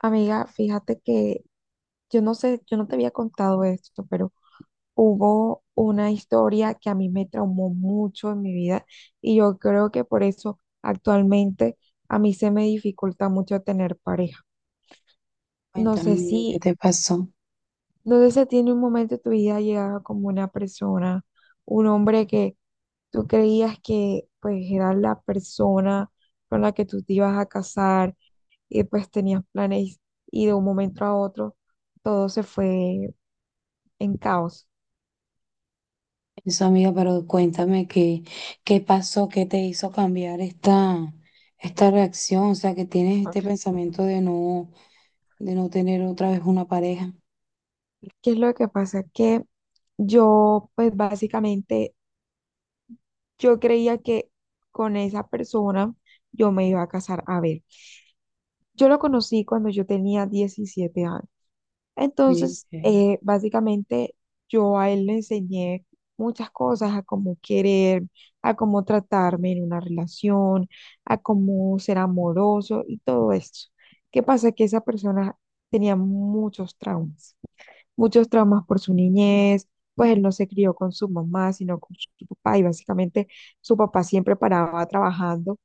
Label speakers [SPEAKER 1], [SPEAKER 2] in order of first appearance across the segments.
[SPEAKER 1] Amiga, fíjate que yo no sé, yo no te había contado esto, pero hubo una historia que a mí me traumó mucho en mi vida y yo creo que por eso actualmente a mí se me dificulta mucho tener pareja. No
[SPEAKER 2] Cuéntame,
[SPEAKER 1] sé si
[SPEAKER 2] amigo, ¿qué te pasó?
[SPEAKER 1] ¿Dónde se tiene un momento de tu vida llegaba como una persona, un hombre que tú creías que pues era la persona con la que tú te ibas a casar y pues tenías planes y de un momento a otro todo se fue en caos?
[SPEAKER 2] Eso, amiga, pero cuéntame qué, qué pasó, qué te hizo cambiar esta reacción, o sea, que tienes este
[SPEAKER 1] Ok.
[SPEAKER 2] pensamiento de no tener otra vez una pareja.
[SPEAKER 1] ¿Qué es lo que pasa? Que yo, pues básicamente, yo creía que con esa persona yo me iba a casar. A ver, yo lo conocí cuando yo tenía 17 años.
[SPEAKER 2] Sí,
[SPEAKER 1] Entonces,
[SPEAKER 2] sí.
[SPEAKER 1] básicamente yo a él le enseñé muchas cosas, a cómo querer, a cómo tratarme en una relación, a cómo ser amoroso y todo esto. ¿Qué pasa? Que esa persona tenía muchos traumas por su niñez, pues él no se crió con su mamá, sino con su papá y básicamente su papá siempre paraba trabajando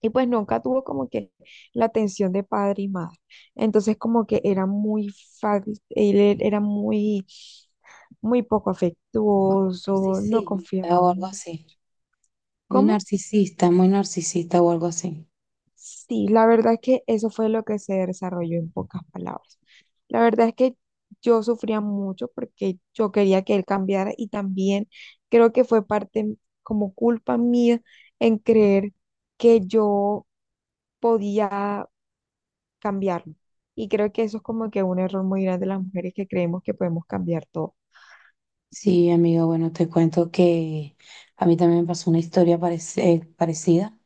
[SPEAKER 1] y pues nunca tuvo como que la atención de padre y madre. Entonces como que era muy, fa- él e- era muy, muy poco afectuoso, no
[SPEAKER 2] Narcisista
[SPEAKER 1] confiaba.
[SPEAKER 2] o algo así.
[SPEAKER 1] ¿Cómo?
[SPEAKER 2] Muy narcisista o algo así.
[SPEAKER 1] Sí, la verdad es que eso fue lo que se desarrolló en pocas palabras. La verdad es que yo sufría mucho porque yo quería que él cambiara y también creo que fue parte como culpa mía en creer que yo podía cambiarlo. Y creo que eso es como que un error muy grande de las mujeres que creemos que podemos cambiar todo.
[SPEAKER 2] Sí, amigo, bueno, te cuento que a mí también me pasó una historia parecida.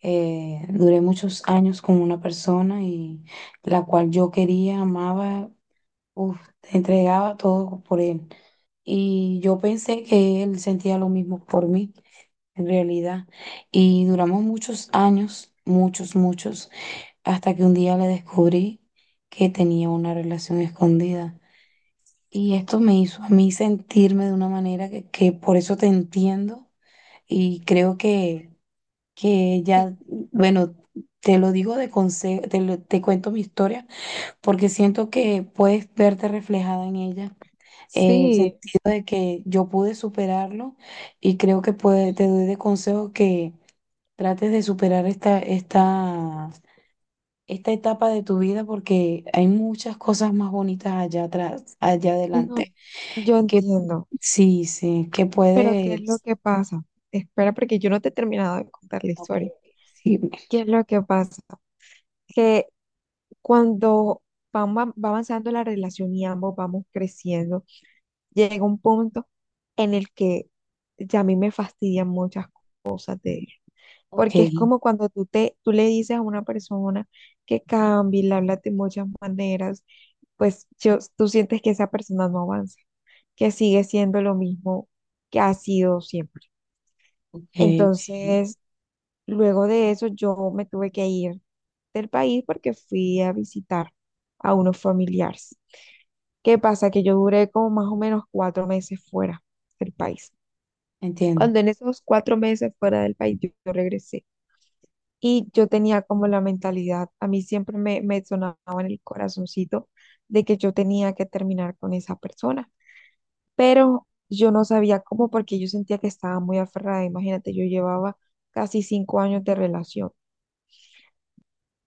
[SPEAKER 2] Duré muchos años con una persona y la cual yo quería, amaba. Uf, te entregaba todo por él. Y yo pensé que él sentía lo mismo por mí, en realidad. Y duramos muchos años, muchos, muchos, hasta que un día le descubrí que tenía una relación escondida. Y esto me hizo a mí sentirme de una manera que por eso te entiendo. Y creo que
[SPEAKER 1] Sí,
[SPEAKER 2] ya, bueno, te lo digo de consejo, te cuento mi historia porque siento que puedes verte reflejada en ella, el
[SPEAKER 1] sí,
[SPEAKER 2] sentido de que yo pude superarlo y creo que te doy de consejo que trates de superar esta etapa de tu vida porque hay muchas cosas más bonitas allá atrás, allá adelante,
[SPEAKER 1] no, yo
[SPEAKER 2] que
[SPEAKER 1] entiendo,
[SPEAKER 2] sí, sí, que
[SPEAKER 1] pero ¿qué es lo
[SPEAKER 2] puedes,
[SPEAKER 1] que pasa? Espera, porque yo no te he terminado de contar la
[SPEAKER 2] ok,
[SPEAKER 1] historia.
[SPEAKER 2] sí,
[SPEAKER 1] ¿Qué es lo que pasa? Que cuando van va va avanzando la relación y ambos vamos creciendo, llega un punto en el que ya a mí me fastidian muchas cosas de él.
[SPEAKER 2] ok,
[SPEAKER 1] Porque es
[SPEAKER 2] ok,
[SPEAKER 1] como cuando tú le dices a una persona que cambie, le hablas de muchas maneras, pues tú sientes que esa persona no avanza, que sigue siendo lo mismo que ha sido siempre.
[SPEAKER 2] ok,
[SPEAKER 1] Entonces, luego de eso, yo me tuve que ir del país porque fui a visitar a unos familiares. ¿Qué pasa? Que yo duré como más o menos 4 meses fuera del país.
[SPEAKER 2] entiendo,
[SPEAKER 1] Cuando en esos 4 meses fuera del país, yo regresé. Y yo tenía como la mentalidad, a mí siempre me sonaba en el corazoncito de que yo tenía que terminar con esa persona, pero yo no sabía cómo porque yo sentía que estaba muy aferrada. Imagínate, yo llevaba casi 5 años de relación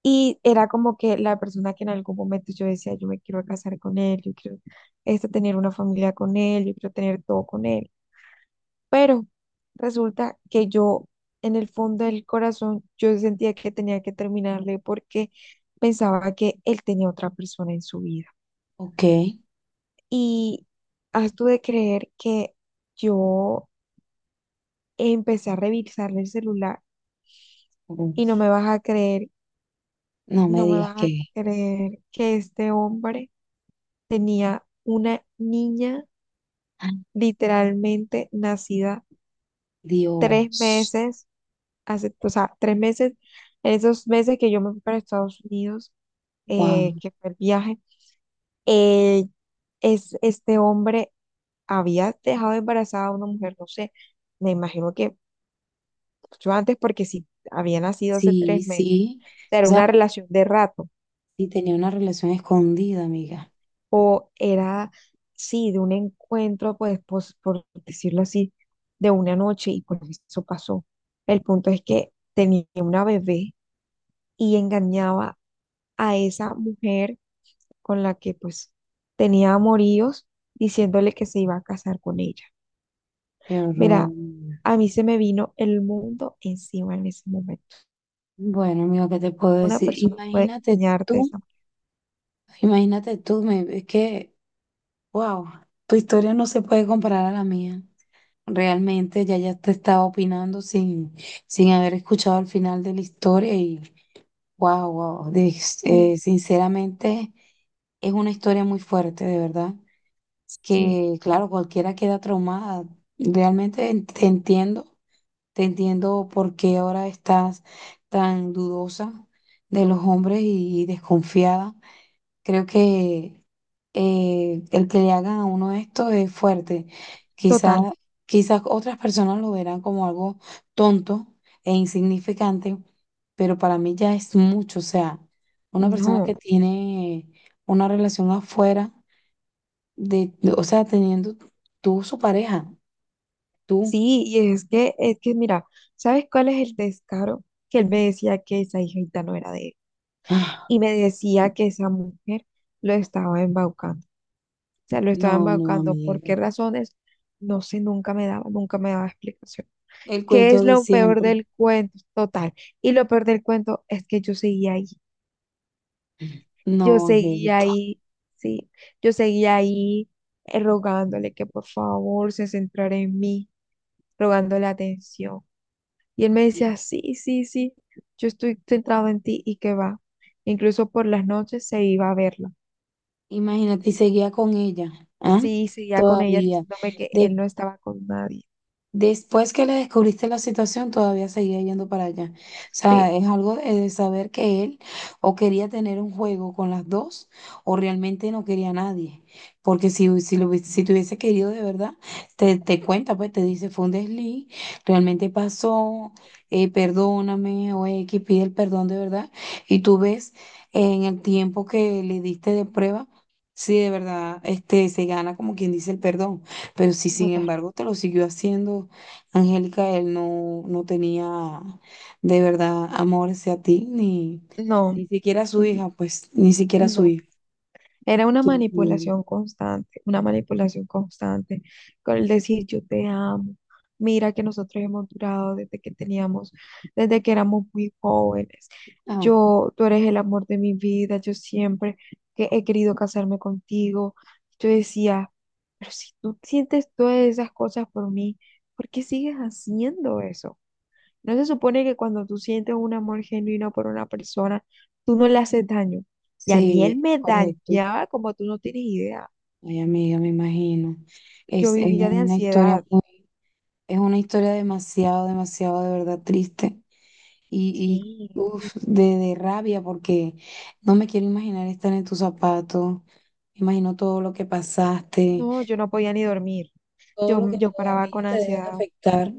[SPEAKER 1] y era como que la persona que en algún momento yo decía, yo me quiero casar con él, yo quiero este, tener una familia con él, yo quiero tener todo con él. Pero resulta que yo, en el fondo del corazón, yo sentía que tenía que terminarle porque pensaba que él tenía otra persona en su vida.
[SPEAKER 2] ok,
[SPEAKER 1] Y has tú de creer que yo empecé a revisarle el celular y no
[SPEAKER 2] uf,
[SPEAKER 1] me vas a creer,
[SPEAKER 2] no me
[SPEAKER 1] no me
[SPEAKER 2] digas
[SPEAKER 1] vas a
[SPEAKER 2] que,
[SPEAKER 1] creer que este hombre tenía una niña
[SPEAKER 2] ay,
[SPEAKER 1] literalmente nacida tres
[SPEAKER 2] Dios.
[SPEAKER 1] meses, hace, o sea, 3 meses, en esos meses que yo me fui para Estados Unidos,
[SPEAKER 2] Wow.
[SPEAKER 1] que fue el viaje, eh, este hombre había dejado embarazada a una mujer, no sé, me imagino que mucho antes, porque si había nacido hace
[SPEAKER 2] Sí,
[SPEAKER 1] 3 meses,
[SPEAKER 2] sí.
[SPEAKER 1] o sea,
[SPEAKER 2] O
[SPEAKER 1] era
[SPEAKER 2] sea,
[SPEAKER 1] una relación de rato,
[SPEAKER 2] sí tenía una relación escondida, amiga.
[SPEAKER 1] o era, sí, de un encuentro, pues, por decirlo así, de una noche, y por eso pasó. El punto es que tenía una bebé y engañaba a esa mujer con la que pues tenía amoríos, diciéndole que se iba a casar con ella.
[SPEAKER 2] Qué horror,
[SPEAKER 1] Mira,
[SPEAKER 2] amiga.
[SPEAKER 1] a mí se me vino el mundo encima en ese momento.
[SPEAKER 2] Bueno, amigo, ¿qué te puedo
[SPEAKER 1] Una
[SPEAKER 2] decir?
[SPEAKER 1] persona puede engañarte de esa
[SPEAKER 2] Imagínate tú, es que, wow, tu historia no se puede comparar a la mía. Realmente ya te estaba opinando sin, sin haber escuchado el final de la historia y, wow, wow,
[SPEAKER 1] manera. Mm,
[SPEAKER 2] sinceramente es una historia muy fuerte, de verdad,
[SPEAKER 1] sí,
[SPEAKER 2] que claro, cualquiera queda traumada. Realmente te entiendo. Te entiendo por qué ahora estás tan dudosa de los hombres y desconfiada. Creo que el que le hagan a uno esto es fuerte.
[SPEAKER 1] total.
[SPEAKER 2] Quizás, quizás otras personas lo verán como algo tonto e insignificante, pero para mí ya es mucho. O sea, una persona
[SPEAKER 1] No,
[SPEAKER 2] que tiene una relación afuera o sea, teniendo tú su pareja, tú.
[SPEAKER 1] sí, y es que mira, ¿sabes cuál es el descaro? Que él me decía que esa hijita no era de él
[SPEAKER 2] Ah,
[SPEAKER 1] y me decía que esa mujer lo estaba embaucando. O sea, lo estaba
[SPEAKER 2] no, no,
[SPEAKER 1] embaucando. ¿Por
[SPEAKER 2] amiga.
[SPEAKER 1] qué razones? No sé, nunca me daba, nunca me daba explicación.
[SPEAKER 2] El
[SPEAKER 1] ¿Qué es
[SPEAKER 2] cuento de
[SPEAKER 1] lo peor
[SPEAKER 2] siempre.
[SPEAKER 1] del cuento? Total. Y lo peor del cuento es que yo seguía ahí. Yo
[SPEAKER 2] No,
[SPEAKER 1] seguía
[SPEAKER 2] Angélica.
[SPEAKER 1] ahí, sí. Yo seguía ahí, rogándole que por favor se centrara en mí, rogándole atención. Y él me decía, sí, sí, sí, yo estoy centrado en ti y que va. Incluso por las noches se iba a verla.
[SPEAKER 2] Imagínate, y seguía con ella, ¿ah?
[SPEAKER 1] Sí, seguía con ella
[SPEAKER 2] Todavía.
[SPEAKER 1] diciéndome que él no estaba con nadie.
[SPEAKER 2] Después que le descubriste la situación, todavía seguía yendo para allá. O sea,
[SPEAKER 1] Sí,
[SPEAKER 2] es algo de saber que él o quería tener un juego con las dos o realmente no quería a nadie. Porque si, si te hubiese querido de verdad, te cuenta, pues te dice, fue un desliz, realmente pasó, perdóname o X, pide el perdón de verdad. Y tú ves en el tiempo que le diste de prueba si de verdad este, se gana, como quien dice, el perdón. Pero si sin
[SPEAKER 1] total.
[SPEAKER 2] embargo te lo siguió haciendo, Angélica, él no, no tenía de verdad amor hacia ti, ni,
[SPEAKER 1] No,
[SPEAKER 2] ni siquiera a su
[SPEAKER 1] n-
[SPEAKER 2] hija, pues, ni siquiera a su
[SPEAKER 1] no.
[SPEAKER 2] hija.
[SPEAKER 1] Era
[SPEAKER 2] Sí, sí.
[SPEAKER 1] una manipulación constante, con el decir yo te amo, mira que nosotros hemos durado desde que teníamos, desde que éramos muy jóvenes,
[SPEAKER 2] Ah,
[SPEAKER 1] yo, tú eres el amor de mi vida, yo siempre que he querido casarme contigo, yo decía, pero si tú sientes todas esas cosas por mí, ¿por qué sigues haciendo eso? ¿No se supone que cuando tú sientes un amor genuino por una persona, tú no le haces daño? Y a mí él
[SPEAKER 2] sí,
[SPEAKER 1] me
[SPEAKER 2] correcto.
[SPEAKER 1] dañaba como tú no tienes idea.
[SPEAKER 2] Ay, amiga, me imagino.
[SPEAKER 1] Yo
[SPEAKER 2] Es
[SPEAKER 1] vivía de
[SPEAKER 2] una historia
[SPEAKER 1] ansiedad.
[SPEAKER 2] muy, es una historia demasiado, demasiado de verdad triste
[SPEAKER 1] Sí,
[SPEAKER 2] y uf, de rabia porque no me quiero imaginar estar en tus zapatos, me imagino todo lo que pasaste,
[SPEAKER 1] no, yo no podía ni dormir.
[SPEAKER 2] todo
[SPEAKER 1] Yo,
[SPEAKER 2] lo que
[SPEAKER 1] yo paraba
[SPEAKER 2] todavía
[SPEAKER 1] con
[SPEAKER 2] te debe
[SPEAKER 1] ansiedad.
[SPEAKER 2] de afectar.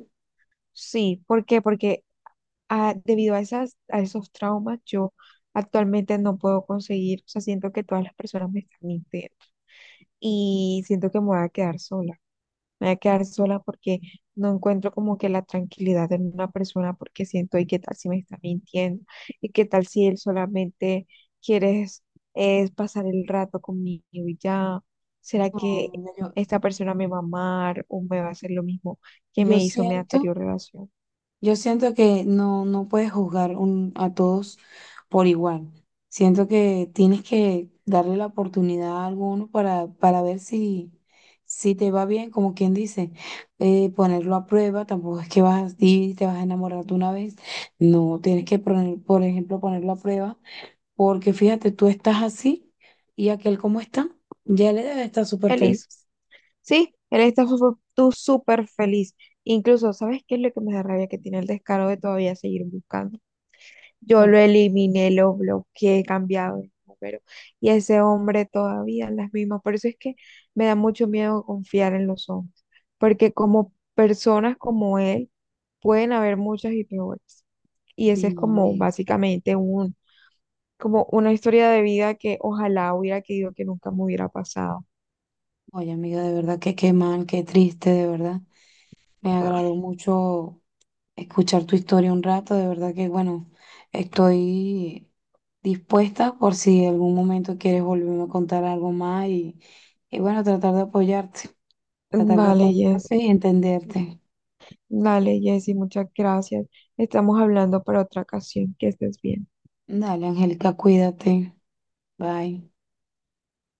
[SPEAKER 1] Sí, ¿por qué? Porque debido a esos traumas, yo actualmente no puedo conseguir, o sea, siento que todas las personas me están mintiendo y siento que me voy a quedar sola. Me voy a quedar sola porque no encuentro como que la tranquilidad en una persona porque siento, ¿y qué tal si me está mintiendo? ¿Y qué tal si él solamente quiere es pasar el rato conmigo y ya? ¿Será
[SPEAKER 2] No,
[SPEAKER 1] que
[SPEAKER 2] mira, yo,
[SPEAKER 1] esta persona me va a amar o me va a hacer lo mismo que
[SPEAKER 2] yo
[SPEAKER 1] me hizo mi
[SPEAKER 2] siento,
[SPEAKER 1] anterior relación?
[SPEAKER 2] yo siento que no, no puedes a todos por igual. Siento que tienes que darle la oportunidad a alguno para ver si, si te va bien, como quien dice. Ponerlo a prueba, tampoco es que vas a ir, y te vas a enamorar de una vez. No, tienes que poner, por ejemplo, ponerlo a prueba, porque fíjate, tú estás así y aquel como está, ya le debe estar súper feliz.
[SPEAKER 1] Feliz. Sí, él está tú súper feliz. Incluso, ¿sabes qué es lo que me da rabia? Que tiene el descaro de todavía seguir buscando. Yo lo eliminé, lo bloqueé, he cambiado de número. Y ese hombre todavía las mismas. Por eso es que me da mucho miedo confiar en los hombres. Porque como personas como él, pueden haber muchas y peores. Y ese es
[SPEAKER 2] Sí,
[SPEAKER 1] como
[SPEAKER 2] amiga.
[SPEAKER 1] básicamente un, como una historia de vida que ojalá hubiera querido que nunca me hubiera pasado.
[SPEAKER 2] Oye, amiga, de verdad que qué mal, qué triste, de verdad. Me
[SPEAKER 1] Ah,
[SPEAKER 2] agradó mucho escuchar tu historia un rato, de verdad que, bueno, estoy dispuesta por si en algún momento quieres volverme a contar algo más y bueno, tratar de
[SPEAKER 1] vale,
[SPEAKER 2] apoyarte
[SPEAKER 1] Jessy.
[SPEAKER 2] y entenderte.
[SPEAKER 1] Vale, Jessy, muchas gracias. Estamos hablando para otra ocasión. Que estés bien.
[SPEAKER 2] Dale, Angélica, cuídate. Bye.